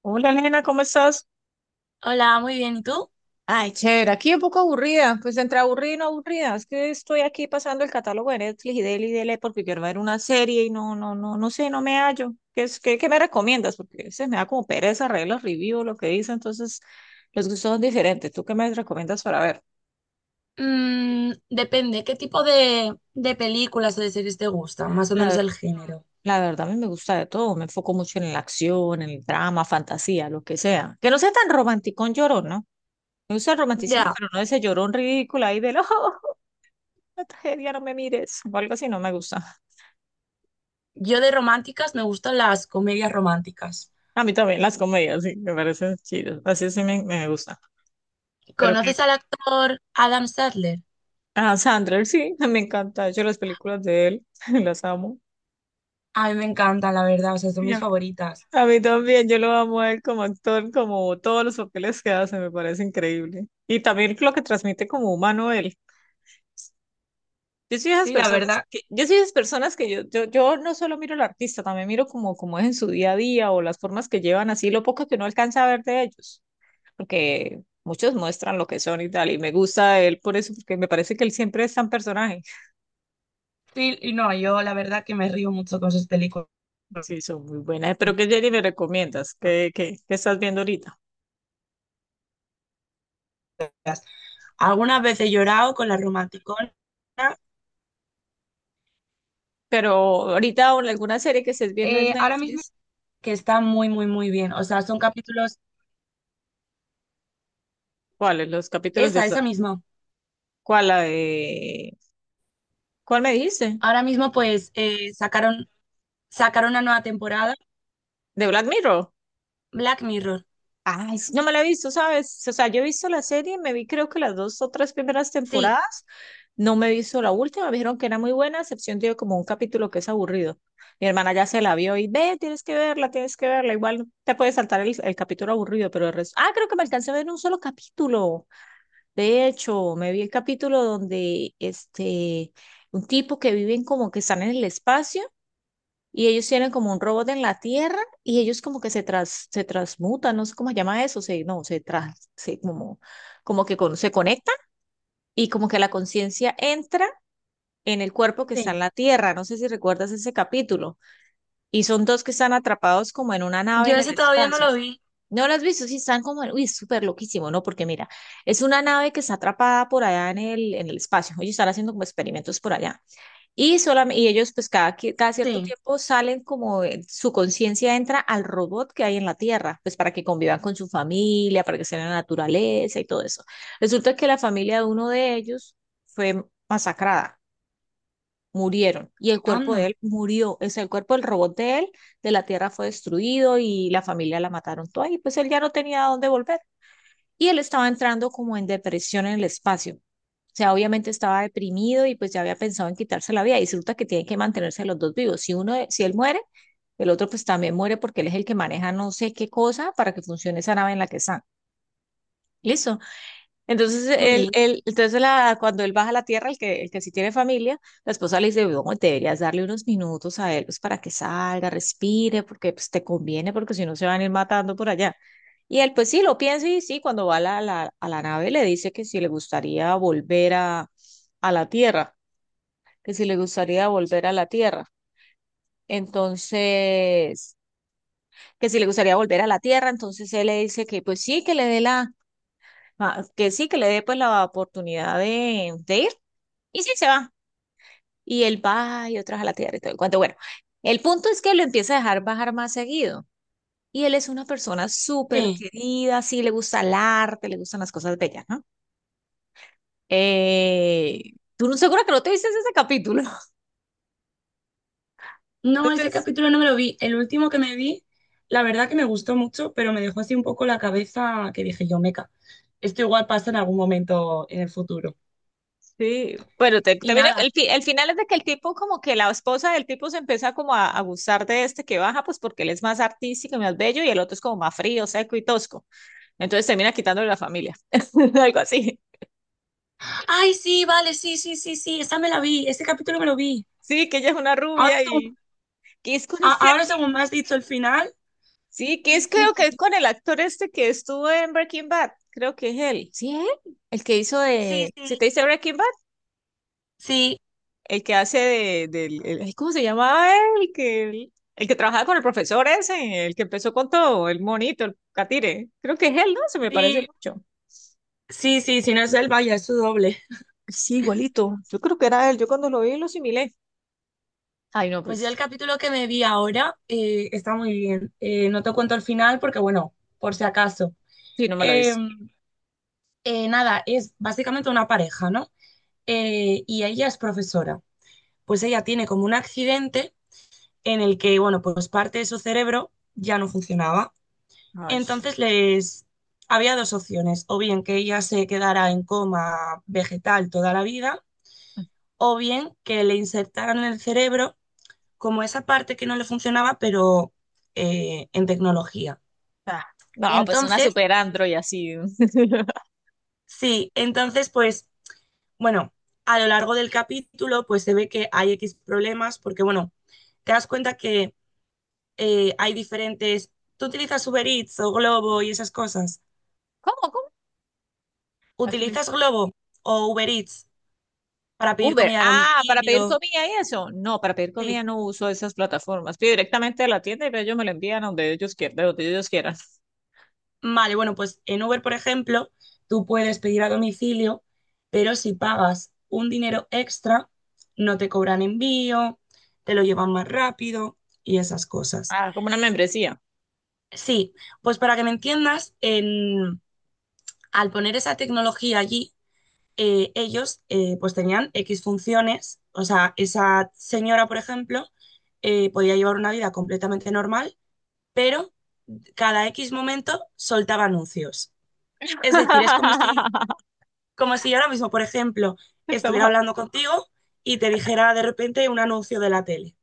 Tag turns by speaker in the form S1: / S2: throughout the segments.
S1: Hola, nena, ¿cómo estás?
S2: Hola, muy bien. ¿Y tú?
S1: Ay, chévere, aquí un poco aburrida, pues entre aburrida y no aburrida, es que estoy aquí pasando el catálogo de Netflix y dele porque quiero ver una serie y no, no, no, no sé, no me hallo. ¿Qué es, qué me recomiendas? Porque se me da como pereza reír los reviews, lo que dicen, entonces los gustos son diferentes. ¿Tú qué me recomiendas para ver?
S2: Mm, depende, ¿qué tipo de películas o de series te gustan? Más o menos
S1: La,
S2: el género.
S1: la verdad, a mí me gusta de todo, me enfoco mucho en la acción, en el drama, fantasía, lo que sea. Que no sea tan romanticón llorón, ¿no? Me gusta el romanticismo,
S2: Ya,
S1: pero no ese llorón ridículo ahí del ojo. La tragedia, no me mires, o algo así, no me gusta.
S2: yo de románticas me gustan las comedias románticas.
S1: A mí también las comedias, sí, me parecen chidas, así sí me gusta. Pero que
S2: ¿Conoces al actor Adam Sandler?
S1: a Sandler sí, me encanta, de hecho las películas de él, las amo.
S2: A mí me encantan, la verdad, o sea, son
S1: Y
S2: mis
S1: A
S2: favoritas.
S1: a mí también, yo lo amo a él como actor, como todos los papeles que hace, me parece increíble. Y también lo que transmite como humano él.
S2: Sí, la verdad,
S1: Yo soy de esas personas que yo no solo miro al artista, también miro como es en su día a día o las formas que llevan así, lo poco que uno alcanza a ver de ellos. Porque muchos muestran lo que son y tal, y me gusta él por eso, porque me parece que él siempre es tan personaje.
S2: sí, y no, yo la verdad que me río mucho con sus películas.
S1: Sí, son muy buenas. ¿Pero que Jenny me recomiendas? ¿Qué estás viendo ahorita?
S2: Algunas veces he llorado con la romanticona.
S1: Pero ahorita o en alguna serie que estés viendo en
S2: Ahora mismo
S1: Netflix,
S2: que está muy, muy, muy bien. O sea, son capítulos,
S1: ¿cuáles los capítulos que
S2: esa,
S1: está-?
S2: esa misma.
S1: ¿Cuál la de? ¿Cuál me dijiste?
S2: Ahora mismo pues sacaron, sacaron una nueva temporada,
S1: ¿De Black Mirror?
S2: Black Mirror.
S1: Ay, sí, no me la he visto, ¿sabes? O sea, yo he visto la serie, me vi creo que las dos o tres primeras
S2: Sí,
S1: temporadas, no me he visto la última, me dijeron que era muy buena, a excepción de como un capítulo que es aburrido. Mi hermana ya se la vio y ve, tienes que verla, igual te puedes saltar el capítulo aburrido, pero el resto. Ah, creo que me alcancé a ver un solo capítulo. De hecho, me vi el capítulo donde este, un tipo que viven como que están en el espacio. Y ellos tienen como un robot en la Tierra y ellos como que se transmutan, no sé cómo se llama eso, se, no, se, tras, se conectan y como que la conciencia entra en el cuerpo que está
S2: sí.
S1: en la Tierra. No sé si recuerdas ese capítulo. Y son dos que están atrapados como en una nave
S2: Yo
S1: en el
S2: ese todavía no
S1: espacio.
S2: lo vi.
S1: ¿No lo has visto? Sí, están como, uy, es súper loquísimo, ¿no? Porque mira, es una nave que está atrapada por allá en el espacio. Ellos están haciendo como experimentos por allá. Y, solamente, y ellos, pues cada cierto
S2: Sí.
S1: tiempo salen como su conciencia entra al robot que hay en la Tierra, pues para que convivan con su familia, para que estén en la naturaleza y todo eso. Resulta que la familia de uno de ellos fue masacrada, murieron, y el cuerpo de
S2: Anda,
S1: él murió, o sea, el cuerpo del robot de él, de la Tierra fue destruido y la familia la mataron toda, y pues él ya no tenía a dónde volver y él estaba entrando como en depresión en el espacio. O sea, obviamente estaba deprimido y pues ya había pensado en quitarse la vida y resulta que tienen que mantenerse los dos vivos. Si él muere, el otro pues también muere porque él es el que maneja no sé qué cosa para que funcione esa nave en la que están. ¿Listo? Entonces,
S2: jolín.
S1: cuando él baja a la tierra, el que sí tiene familia, la esposa le dice: "No, deberías darle unos minutos a él pues, para que salga, respire, porque pues, te conviene, porque si no se van a ir matando por allá". Y él, pues sí, lo piensa y sí, cuando va a a la nave le dice que si le gustaría volver a la tierra, que si le gustaría volver a la tierra. Entonces, que si le gustaría volver a la tierra, entonces él le dice que pues sí, que le dé pues la oportunidad de ir. Y sí, se va. Y él va y otras a la tierra y todo el cuento. Bueno, el punto es que lo empieza a dejar bajar más seguido. Y él es una persona súper
S2: Sí.
S1: querida, sí, le gusta el arte, le gustan las cosas bellas, ¿no? Eh, tú no seguro que no te viste ese capítulo.
S2: No, ese
S1: Entonces,
S2: capítulo no me lo vi. El último que me vi, la verdad que me gustó mucho, pero me dejó así un poco la cabeza que dije yo, meca. Esto igual pasa en algún momento en el futuro.
S1: sí, bueno, te,
S2: Y
S1: te miras-
S2: nada.
S1: el, fi- el final es de que el tipo, como que la esposa del tipo se empieza como a gustar de este que baja, pues porque él es más artístico y más bello y el otro es como más frío, seco y tosco. Entonces termina quitándole la familia, algo así.
S2: Ay, sí, vale, sí, sí, sí, sí. Esa me la vi. Ese capítulo me lo vi.
S1: Sí, que ella es una
S2: Ahora
S1: rubia
S2: según,
S1: y, ¿qué es con este?
S2: ahora según me has dicho el final.
S1: Sí, que es
S2: Sí, sí,
S1: creo que es
S2: sí.
S1: con el actor este que estuvo en Breaking Bad. Creo que es él. Sí, él. El que hizo
S2: Sí,
S1: de. ¿Se
S2: sí.
S1: te dice Breaking Bad?
S2: Sí,
S1: El que hace de, del. Ay, ¿cómo se llamaba él? El que trabajaba con el profesor ese, el que empezó con todo, el monito, el catire. Creo que es él, ¿no? Se me parece
S2: sí.
S1: mucho.
S2: Sí, sí, si no es él, vaya, es su doble.
S1: Sí, igualito. Yo creo que era él. Yo cuando lo vi lo asimilé. Ay, no,
S2: Pues yo el
S1: pues.
S2: capítulo que me vi ahora está muy bien. No te cuento el final porque, bueno, por si acaso.
S1: Sí, no me lo he
S2: Eh,
S1: visto.
S2: Nada, es básicamente una pareja, ¿no? Y ella es profesora. Pues ella tiene como un accidente en el que, bueno, pues parte de su cerebro ya no funcionaba.
S1: Ay.
S2: Entonces les había dos opciones, o bien que ella se quedara en coma vegetal toda la vida, o bien que le insertaran en el cerebro como esa parte que no le funcionaba, pero en tecnología.
S1: Ah,
S2: Y
S1: no, pues una
S2: entonces,
S1: super android así.
S2: sí, entonces pues, bueno, a lo largo del capítulo pues se ve que hay X problemas porque, bueno, te das cuenta que hay diferentes... ¿Tú utilizas Uber Eats o Globo y esas cosas?
S1: ¿Cómo? ¿Cómo?
S2: ¿Utilizas Globo o Uber Eats para pedir
S1: Uber,
S2: comida a
S1: ah, para
S2: domicilio?
S1: pedir comida y eso. No, para pedir
S2: Sí.
S1: comida no uso esas plataformas. Pido directamente de la tienda y ellos me lo envían a donde ellos quieran, de donde ellos quieran.
S2: Vale, bueno, pues en Uber, por ejemplo, tú puedes pedir a domicilio, pero si pagas un dinero extra, no te cobran envío, te lo llevan más rápido y esas cosas.
S1: Ah, como una membresía.
S2: Sí, pues para que me entiendas, al poner esa tecnología allí, ellos pues tenían X funciones, o sea, esa señora, por ejemplo, podía llevar una vida completamente normal, pero cada X momento soltaba anuncios. Es decir, es como si como si yo ahora mismo, por ejemplo, estuviera
S1: Estamos-.
S2: hablando contigo y te dijera de repente un anuncio de la tele.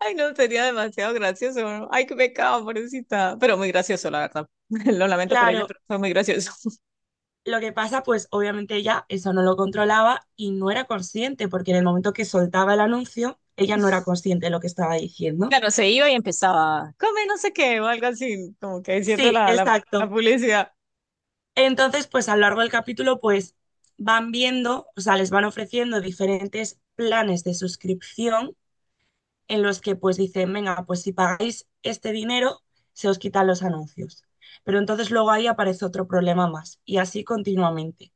S1: Ay, no, sería demasiado gracioso. ¿No? Ay, qué pecado, pobrecita. Pero muy gracioso, la verdad. Lo lamento por ella,
S2: Claro,
S1: pero fue muy gracioso.
S2: lo que pasa, pues obviamente ella eso no lo controlaba y no era consciente, porque en el momento que soltaba el anuncio, ella no era consciente de lo que estaba diciendo.
S1: Claro, se iba y empezaba, come no sé qué, o algo así, como que diciendo
S2: Sí,
S1: la, la
S2: exacto.
S1: publicidad.
S2: Entonces, pues a lo largo del capítulo, pues van viendo, o sea, les van ofreciendo diferentes planes de suscripción en los que pues dicen, venga, pues si pagáis este dinero, se os quitan los anuncios. Pero entonces luego ahí aparece otro problema más y así continuamente.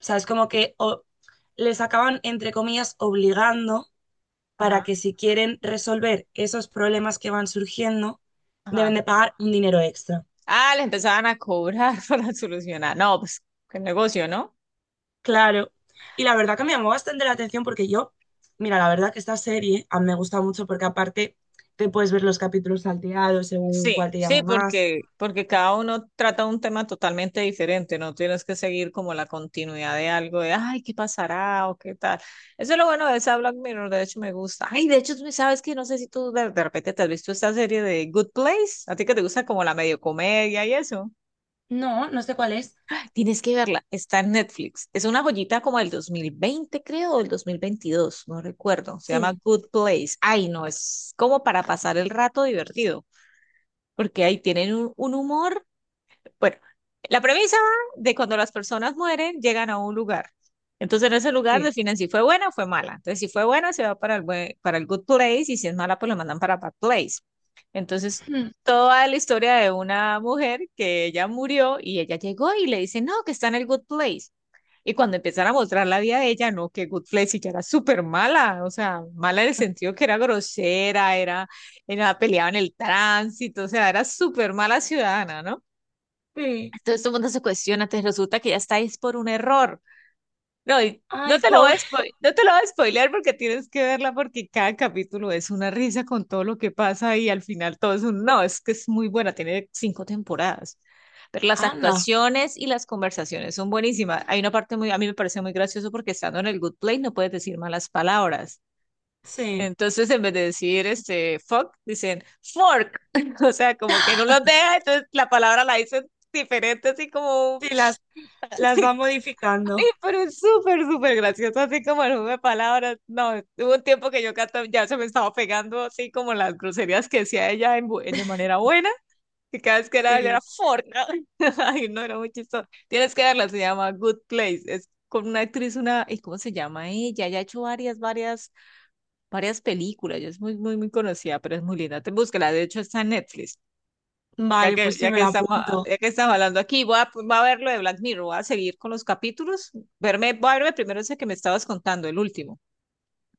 S2: O sea, es como que les acaban, entre comillas, obligando para
S1: Ajá,
S2: que si quieren resolver esos problemas que van surgiendo, deben
S1: ajá.
S2: de pagar un dinero extra.
S1: Ah, le empezaban a cobrar para solucionar. No, pues, qué negocio, ¿no?
S2: Claro. Y la verdad que me llamó bastante la atención porque yo, mira, la verdad que esta serie a mí me gusta mucho porque aparte te puedes ver los capítulos salteados según
S1: Sí,
S2: cuál te
S1: sí,
S2: llama más.
S1: porque cada uno trata un tema totalmente diferente, no tienes que seguir como la continuidad de algo de, ay, ¿qué pasará? O qué tal. Eso es lo bueno de esa Black Mirror, de hecho me gusta. Ay, de hecho, tú sabes que no sé si tú de repente te has visto esta serie de Good Place, a ti que te gusta como la medio comedia y eso.
S2: No, no sé cuál es.
S1: Tienes que verla, está en Netflix. Es una joyita como del 2020 creo, o del 2022. No recuerdo. Se llama
S2: Sí.
S1: Good Place. Ay, no, es como para pasar el rato divertido porque ahí tienen un, humor. Bueno, la premisa va de cuando las personas mueren, llegan a un lugar. Entonces, en ese lugar
S2: Sí.
S1: definen si fue buena o fue mala. Entonces, si fue buena, se va para para el good place y si es mala, pues lo mandan para bad place. Entonces,
S2: Hmm.
S1: toda la historia de una mujer que ella murió y ella llegó y le dice, no, que está en el good place. Y cuando empiezan a mostrar la vida de ella, no, que good place, y ya era súper mala, o sea, mala en el sentido que era grosera, era peleaba en el tránsito, o sea, era súper mala ciudadana, ¿no?
S2: Sí.
S1: Entonces todo el mundo se cuestiona, te resulta que ya estáis por un error. No, y no
S2: Ay,
S1: te lo voy a
S2: pobre
S1: spoiler, no te lo voy a spoilear porque tienes que verla porque cada capítulo es una risa con todo lo que pasa y al final todo es un no, es que es muy buena, tiene cinco temporadas. Pero las
S2: Ana.
S1: actuaciones y las conversaciones son buenísimas. Hay una parte muy, a mí me parece muy gracioso porque estando en el good place no puedes decir malas palabras.
S2: Sí.
S1: Entonces, en vez de decir este fuck, dicen fork. O sea, como que no los deja, entonces la palabra la dicen diferente, así como
S2: Sí, las va modificando.
S1: sí, pero es súper, súper gracioso, así como el juego de palabras. No, hubo un tiempo que yo ya se me estaba pegando así como las groserías que decía ella de manera buena, que cada vez que era
S2: Sí.
S1: forca. Ay, no, era muy chistoso. Tienes que verla, se llama Good Place. Es con una actriz, una, ¿y cómo se llama ella? Ella ha hecho varias películas. Ella es muy, muy, muy conocida, pero es muy linda. Te búsquela, de hecho está en Netflix.
S2: Vale, pues sí, me la apunto.
S1: Ya que estamos hablando aquí, voy a ver lo de Black Mirror, voy a seguir con los capítulos, voy a verme primero ese que me estabas contando, el último,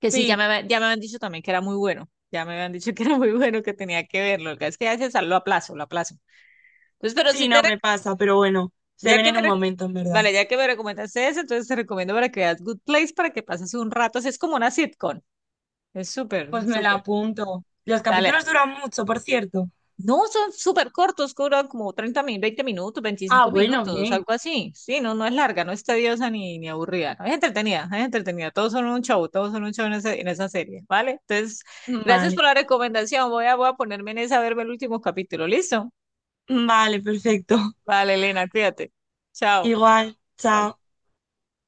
S1: que sí,
S2: Sí,
S1: ya me habían dicho también que era muy bueno, ya me habían dicho que era muy bueno, que tenía que verlo, lo que es que a veces lo aplazo, lo aplazo. Entonces, pero sí
S2: sí,
S1: te,
S2: no
S1: rec-
S2: me pasa, pero bueno, se
S1: ya
S2: ven
S1: que
S2: en
S1: me,
S2: un
S1: rec-
S2: momento, en verdad.
S1: vale, ya que me recomendaste ese, entonces te recomiendo para que veas Good Place, para que pases un rato, así es como una sitcom, es súper,
S2: Pues me la
S1: súper.
S2: apunto. Los
S1: Dale,
S2: capítulos duran mucho, por cierto.
S1: no, son súper cortos, duran como 30 minutos, 20 minutos,
S2: Ah,
S1: 25
S2: bueno,
S1: minutos,
S2: bien.
S1: algo así. Sí, no, no es larga, no es tediosa ni aburrida. No, es entretenida, es entretenida. Todos son un show, todos son un show en esa serie, ¿vale? Entonces, gracias
S2: Vale.
S1: por la recomendación. Voy a ponerme en esa a verme el último capítulo. ¿Listo?
S2: Vale, perfecto.
S1: Vale, Elena, cuídate. Chao.
S2: Igual, chao.
S1: Vale.